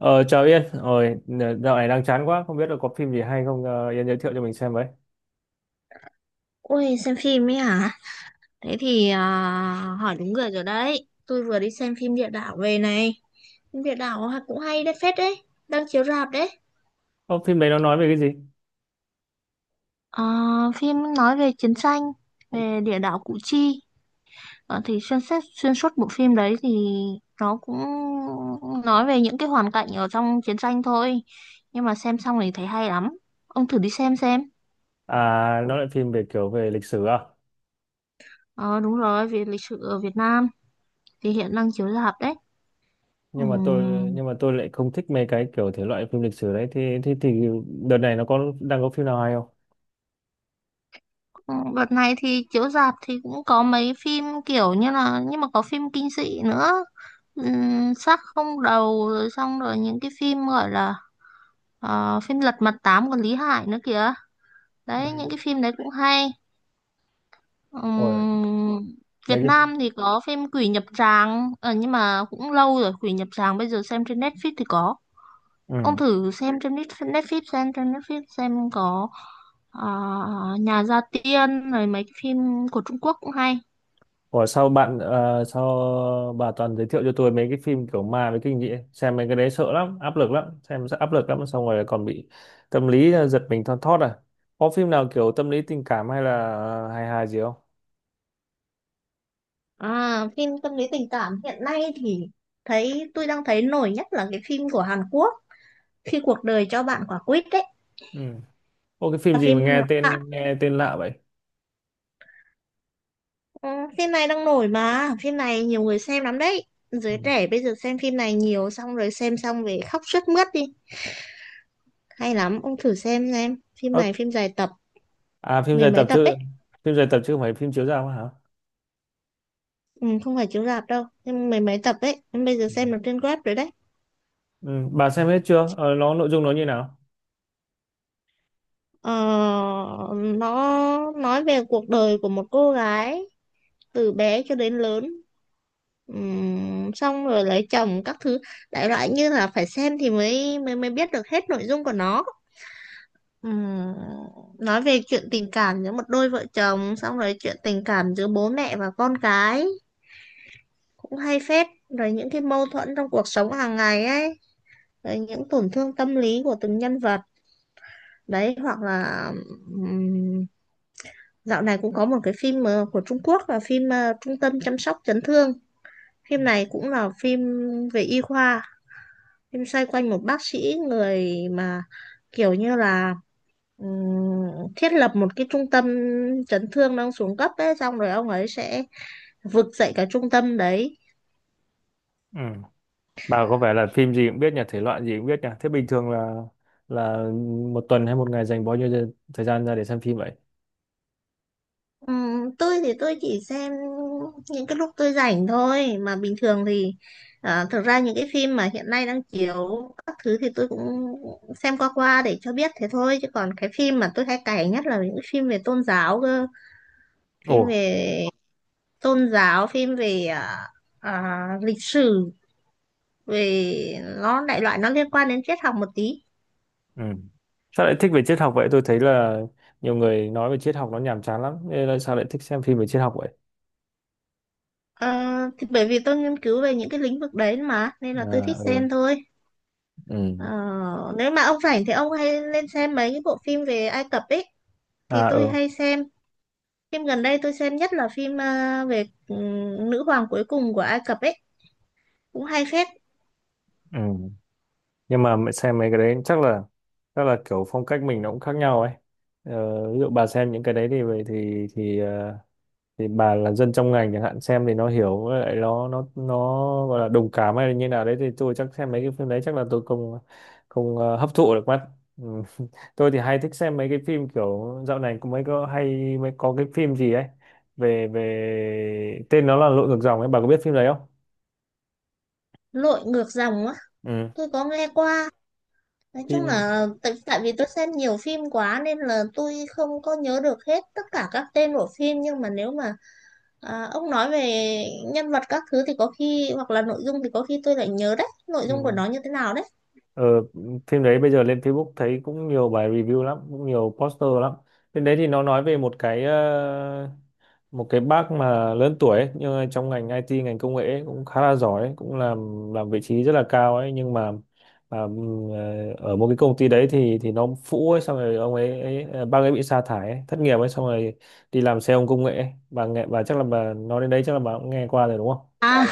Ờ, Chào Yên, rồi dạo này đang chán quá, không biết là có phim gì hay không, Yên giới thiệu cho mình xem với. Ôi xem phim ấy hả? Thế thì hỏi đúng người rồi đấy. Tôi vừa đi xem phim địa đạo về này. Phim địa đạo cũng hay đấy phết đấy. Đang chiếu rạp đấy. Ô, phim đấy nó nói về cái gì? Ờ, Phim nói về chiến tranh, về địa đạo Củ Chi. Thì xuyên suốt bộ phim đấy thì nó cũng nói về những cái hoàn cảnh ở trong chiến tranh thôi. Nhưng mà xem xong thì thấy hay lắm. Ông thử đi xem xem. À, nó lại phim về kiểu về lịch sử à? Ờ, đúng rồi, về lịch sử ở Việt Nam thì hiện đang chiếu rạp đấy. Ừ. Nhưng mà tôi lại không thích mấy cái kiểu thể loại phim lịch sử đấy. Thì đợt này nó đang có phim nào hay không? Ừ, đợt này thì chiếu rạp thì cũng có mấy phim kiểu như là, nhưng mà có phim kinh dị nữa. Xác không đầu, rồi xong rồi những cái phim gọi là phim Lật Mặt Tám của Lý Hải nữa kìa, Ừ. đấy những cái phim đấy cũng hay. Ôi, Ừm, mấy Việt cái, Nam thì có phim Quỷ Nhập Tràng, nhưng mà cũng lâu rồi. Quỷ Nhập Tràng bây giờ xem trên Netflix thì có, ừ. ông thử xem trên Netflix Netflix xem trên Netflix xem có ờ, Nhà Gia Tiên rồi mấy cái phim của Trung Quốc cũng hay. Ủa sao bà toàn giới thiệu cho tôi mấy cái phim kiểu ma với kinh dị ấy? Xem mấy cái đấy sợ lắm, áp lực lắm, xem rất áp lực lắm, xong rồi còn bị tâm lý, giật mình thon thót à? Có phim nào kiểu tâm lý tình cảm hay là hài hài gì không? À, phim tâm lý tình cảm hiện nay thì thấy tôi đang thấy nổi nhất là cái phim của Hàn Quốc, khi cuộc đời cho bạn quả quýt đấy, Ừ. Ô, cái phim là gì mà phim nghe à, tên nghe tên lạ vậy? ừ, phim này đang nổi mà, phim này nhiều người xem lắm đấy. Ừ. Giới trẻ bây giờ xem phim này nhiều, xong rồi xem xong về khóc sướt mướt đi, hay lắm. Ông thử xem phim Ơ, này, phim dài tập, À, phim mười dài mấy tập tập chứ ấy. phim dài tập chứ không phải phim chiếu rạp hả? Ừ, không phải chiếu rạp đâu, nhưng mười mấy tập ấy, em bây giờ Ừ. xem được trên web rồi đấy. Ừ, bà xem hết chưa? Ờ, nó nội dung nó như nào? Ờ, nó nói về cuộc đời của một cô gái từ bé cho đến lớn. Xong rồi lấy chồng các thứ, đại loại như là phải xem thì mới mới mới biết được hết nội dung của nó. Ừm, nói về chuyện tình cảm giữa một đôi vợ chồng, xong rồi chuyện tình cảm giữa bố mẹ và con cái, cũng hay phết, rồi những cái mâu thuẫn trong cuộc sống hàng ngày ấy, rồi những tổn thương tâm lý của từng nhân vật đấy. Hoặc là ừm, dạo này cũng có một cái phim của Trung Quốc, là phim Trung tâm chăm sóc chấn thương. Phim này cũng là phim về y khoa. Phim xoay quanh một bác sĩ, người mà kiểu như là thiết lập một cái trung tâm chấn thương đang xuống cấp ấy, xong rồi ông ấy sẽ vực dậy cả trung tâm đấy. Ừ. Bà có vẻ là phim gì cũng biết nhỉ, thể loại gì cũng biết nhỉ. Thế bình thường là một tuần hay một ngày dành bao nhiêu thời gian ra để xem phim vậy? Tôi thì tôi chỉ xem những cái lúc tôi rảnh thôi, mà bình thường thì à, thực ra những cái phim mà hiện nay đang chiếu các thứ thì tôi cũng xem qua qua để cho biết thế thôi, chứ còn cái phim mà tôi hay cày nhất là những cái phim về tôn giáo cơ, Ồ, phim về tôn giáo, phim về à, à, lịch sử, về nó đại loại nó liên quan đến triết học một tí. ừ. Sao lại thích về triết học vậy? Tôi thấy là nhiều người nói về triết học nó nhàm chán lắm. Nên là sao lại thích xem phim về triết học vậy? Ờ, thì bởi vì tôi nghiên cứu về những cái lĩnh vực đấy mà, nên là tôi thích À, ừ. xem thôi. Ờ, Ừ. nếu mà ông rảnh thì ông hay lên xem mấy cái bộ phim về Ai Cập ấy, thì À, tôi ừ. hay xem. Phim gần đây tôi xem nhất là phim về nữ hoàng cuối cùng của Ai Cập ấy, cũng hay phết. Ừ. Nhưng mà mẹ xem mấy cái đấy chắc là kiểu phong cách mình nó cũng khác nhau ấy. Ví dụ bà xem những cái đấy thì thì ờ, thì bà là dân trong ngành chẳng hạn, xem thì nó hiểu, với lại nó gọi là đồng cảm hay là như nào đấy, thì tôi chắc xem mấy cái phim đấy chắc là tôi không không ờ, hấp thụ được mắt. Ừ. Tôi thì hay thích xem mấy cái phim kiểu dạo này cũng mới có hay mới có cái phim gì ấy về về tên nó là Lội ngược dòng ấy, bà có biết phim đấy không? Lội ngược dòng á? Ừ, Tôi có nghe qua. Nói chung phim, là tại vì tôi xem nhiều phim quá nên là tôi không có nhớ được hết tất cả các tên của phim, nhưng mà nếu mà à, ông nói về nhân vật các thứ thì có khi, hoặc là nội dung thì có khi tôi lại nhớ đấy, nội dung của ừ. nó như thế nào đấy. Ờ, Phim đấy bây giờ lên Facebook thấy cũng nhiều bài review lắm, cũng nhiều poster lắm. Phim đấy thì nó nói về một cái bác mà lớn tuổi ấy, nhưng mà trong ngành IT, ngành công nghệ ấy, cũng khá là giỏi ấy, cũng làm vị trí rất là cao ấy, nhưng mà ở một cái công ty đấy thì nó phũ ấy, xong rồi ông ấy, ấy ờ, bác ấy bị sa thải ấy, thất nghiệp ấy, xong rồi đi làm xe ôm công nghệ ấy. Bà chắc là bà nói đến đấy chắc là bà cũng nghe qua rồi đúng không? À,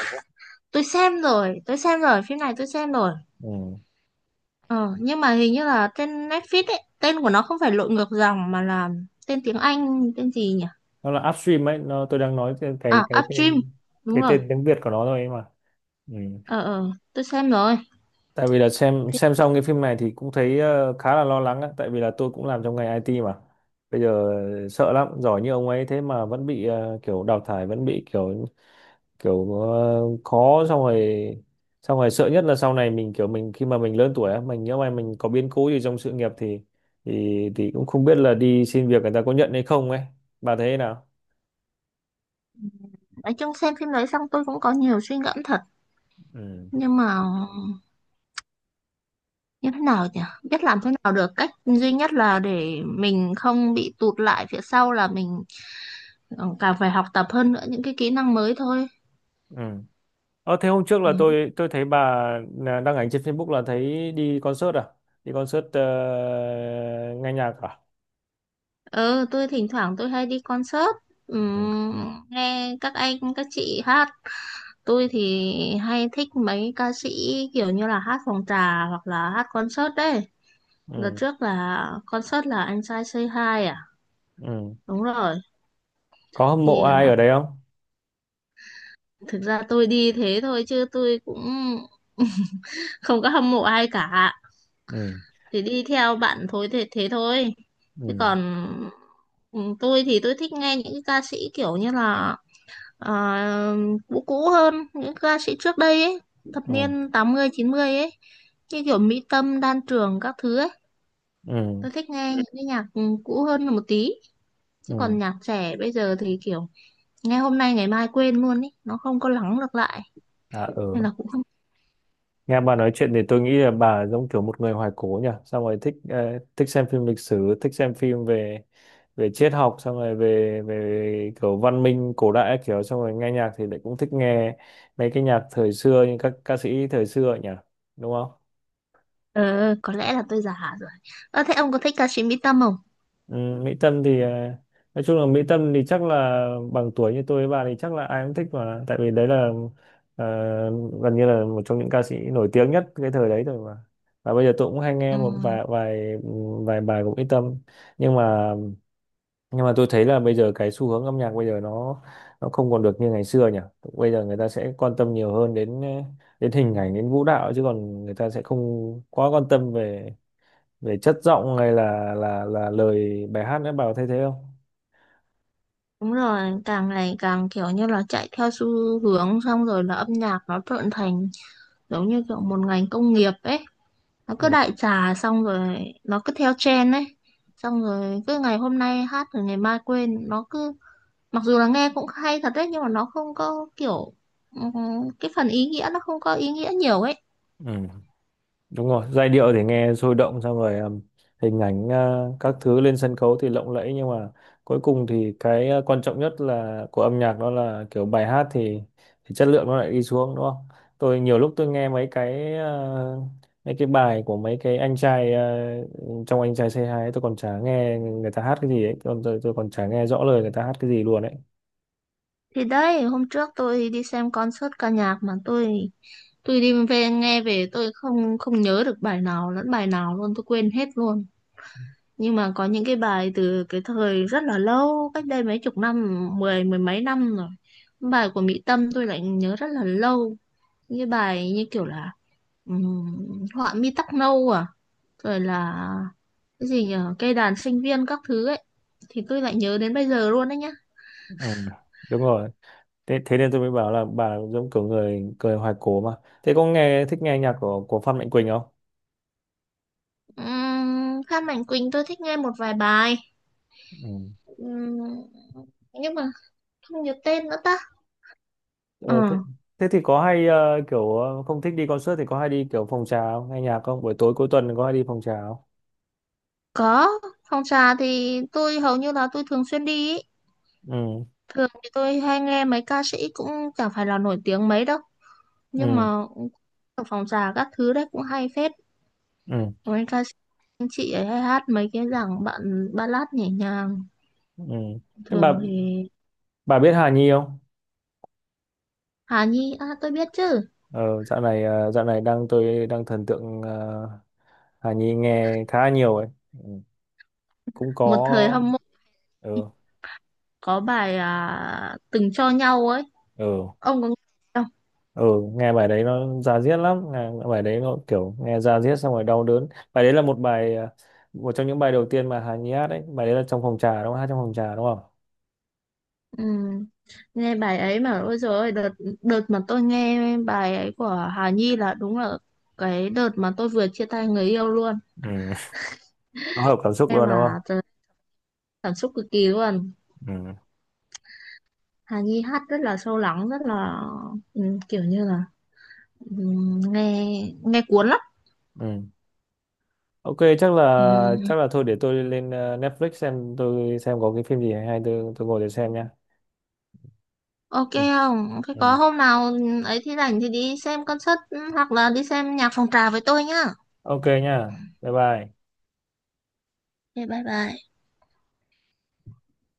tôi xem rồi, phim này tôi xem rồi. Ừ. Ờ, nhưng mà hình như là trên Netflix ấy, tên của nó không phải lội ngược dòng mà là tên tiếng Anh, tên gì nhỉ? Nó là upstream ấy, tôi đang nói cái cái À, cái Upstream, tên đúng cái rồi. tên tiếng Việt của nó thôi ấy mà. Ừ. Ờ, ờ, tôi xem rồi. Tại vì là xem Phim- xem xong cái phim này thì cũng thấy khá là lo lắng á, tại vì là tôi cũng làm trong ngành IT mà bây giờ sợ lắm. Giỏi như ông ấy thế mà vẫn bị kiểu đào thải, vẫn bị kiểu kiểu ờ, khó, xong rồi sợ nhất là sau này mình khi mà mình lớn tuổi á, mình nhớ mà mình có biến cố gì trong sự nghiệp thì thì cũng không biết là đi xin việc người ta có nhận hay không ấy. Bà thấy thế nào? Nói chung xem phim đấy xong tôi cũng có nhiều suy ngẫm thật. Ừ. Nhưng mà như thế nào nhỉ, biết làm thế nào được, cách duy nhất là để mình không bị tụt lại phía sau là mình ừ, càng phải học tập hơn nữa những cái kỹ năng mới thôi. Ừ. Thế hôm trước Ừ. là tôi thấy bà là đăng ảnh trên Facebook là thấy đi concert à? Đi concert, nghe nhạc à? Ừ, tôi thỉnh thoảng tôi hay đi concert, ừ, Ừ. nghe các anh các chị hát. Tôi thì hay thích mấy ca sĩ kiểu như là hát phòng trà hoặc là hát concert đấy. Đợt Ừ, trước là concert là anh trai Say Hi, à ừ. đúng rồi. Có hâm mộ Thì ai ờ, ở đấy không? thực ra tôi đi thế thôi chứ tôi cũng không có hâm mộ ai cả, Ừ, thì đi theo bạn thôi, thế thế thôi, chứ ừ, còn ừ, tôi thì tôi thích nghe những cái ca sĩ kiểu như là ờ, cũ, cũ hơn những ca sĩ trước đây ấy, thập ừ, niên 80 90 ấy, như kiểu Mỹ Tâm, Đan Trường các thứ ấy. ừ, Tôi thích nghe những cái nhạc cũ hơn một tí, chứ ừ. còn nhạc trẻ bây giờ thì kiểu nghe hôm nay ngày mai quên luôn ấy, nó không có lắng được lại, À, ừ. nên là cũng không. Nghe bà nói chuyện thì tôi nghĩ là bà giống kiểu một người hoài cổ nhỉ, xong rồi thích xem phim lịch sử, thích xem phim về về triết học, xong rồi về về kiểu văn minh cổ đại các kiểu, xong rồi nghe nhạc thì lại cũng thích nghe mấy cái nhạc thời xưa như các ca sĩ thời xưa ấy nhỉ, đúng không? Ờ, có lẽ là tôi già rồi. Ờ, thế ông có thích ca sĩ Mỹ Tâm không? Ừ, Mỹ Tâm thì nói chung là Mỹ Tâm thì chắc là bằng tuổi như tôi với bà thì chắc là ai cũng thích mà, tại vì đấy là ờ, gần như là một trong những ca sĩ nổi tiếng nhất cái thời đấy rồi mà. Và bây giờ tôi cũng hay nghe một Ừ. vài vài vài bài của Mỹ Tâm. Nhưng mà nhưng mà tôi thấy là bây giờ cái xu hướng âm nhạc bây giờ nó không còn được như ngày xưa nhỉ. Bây giờ người ta sẽ quan tâm nhiều hơn đến đến hình ảnh, đến vũ đạo, chứ còn người ta sẽ không quá quan tâm về về chất giọng hay là lời bài hát nữa. Bà có thấy thế không? Đúng rồi, càng ngày càng kiểu như là chạy theo xu hướng, xong rồi là âm nhạc nó trở thành giống như kiểu một ngành công nghiệp ấy. Nó cứ Ừ, đại trà xong rồi nó cứ theo trend ấy. Xong rồi cứ ngày hôm nay hát rồi ngày mai quên. Nó cứ, mặc dù là nghe cũng hay thật đấy, nhưng mà nó không có kiểu, ừm, cái phần ý nghĩa, nó không có ý nghĩa nhiều ấy. ừ, đúng rồi. Giai điệu thì nghe sôi động, xong rồi hình ảnh, các thứ lên sân khấu thì lộng lẫy, nhưng mà cuối cùng thì cái quan trọng nhất là của âm nhạc đó là kiểu bài hát thì chất lượng nó lại đi xuống đúng không? Tôi nhiều lúc tôi nghe mấy cái bài của mấy cái anh trai, trong anh trai say 2 ấy, tôi còn chả nghe người ta hát cái gì ấy, còn tôi còn chả nghe rõ lời người ta hát cái gì luôn ấy. Thì đấy, hôm trước tôi đi xem concert ca nhạc mà tôi đi về, nghe về tôi không không nhớ được bài nào lẫn bài nào luôn, tôi quên hết luôn. Nhưng mà có những cái bài từ cái thời rất là lâu, cách đây mấy chục năm, mười mười mấy năm rồi, bài của Mỹ Tâm tôi lại nhớ rất là lâu. Những cái bài như kiểu là ừm, họa mi tóc nâu, à rồi là cái gì nhỉ, cây đàn sinh viên các thứ ấy, thì tôi lại nhớ đến bây giờ luôn đấy nhá. Ừ, đúng rồi. Thế nên tôi mới bảo là bà giống kiểu người người hoài cổ mà. Thế có thích nghe nhạc của Phan Mạnh Quỳnh không? Phan Mạnh Quỳnh tôi thích nghe một vài bài. Ừ. Ừm, nhưng mà không nhớ tên nữa ta. Ờ, ờ, thế, thế thì có hay kiểu, không thích đi concert thì có hay đi kiểu phòng trà không, nghe nhạc không, buổi tối cuối tuần có hay đi phòng trà không? có. Phòng trà thì tôi hầu như là tôi thường xuyên đi ý. Ừ. Thường thì tôi hay nghe mấy ca sĩ cũng chẳng phải là nổi tiếng mấy đâu, nhưng Ừ. mà ở phòng trà các thứ đấy cũng hay phết. Ừ. Mấy ca sĩ anh chị ấy hay hát mấy cái dòng bạn ballad nhẹ nhàng. Ừ. Thế bà Thường thì bà biết Hà Nhi không? Hà Nhi, à tôi biết chứ. Ờ, dạo này ờ, dạo này tôi đang thần tượng, Hà Nhi nghe khá nhiều ấy. Ừ, cũng Một thời có. hâm mộ, Ừ. có bài à, Từng cho nhau ấy, Ừ. ông có nghe không? Ừ. Nghe bài đấy nó da diết lắm. Nghe bài đấy nó kiểu nghe da diết xong rồi đau đớn. Bài đấy là một trong những bài đầu tiên mà Hà Nhi hát đấy. Bài đấy là trong phòng trà đúng không? Hát trong phòng trà đúng không? Ừ. Nghe bài ấy mà ôi dồi ôi, đợt đợt mà tôi nghe bài ấy của Hà Nhi là đúng là cái đợt mà tôi vừa chia tay người yêu luôn. Ừ, nó hợp cảm xúc Em luôn đúng không? mà trời, cảm xúc cực kỳ luôn. Ừ. Hà Nhi hát rất là sâu lắng, rất là ừ, kiểu như là, ừ, nghe nghe cuốn lắm. Ừ, ok. chắc Ừ, là chắc là thôi để tôi lên Netflix tôi xem có cái phim gì hay hay tôi ngồi để xem nha. ok Ừ, không, thế ừ. có hôm nào ấy thì rảnh thì đi xem concert, hoặc là đi xem nhạc phòng trà với tôi nhá. Ok nha, bye bye. Ok bye bye.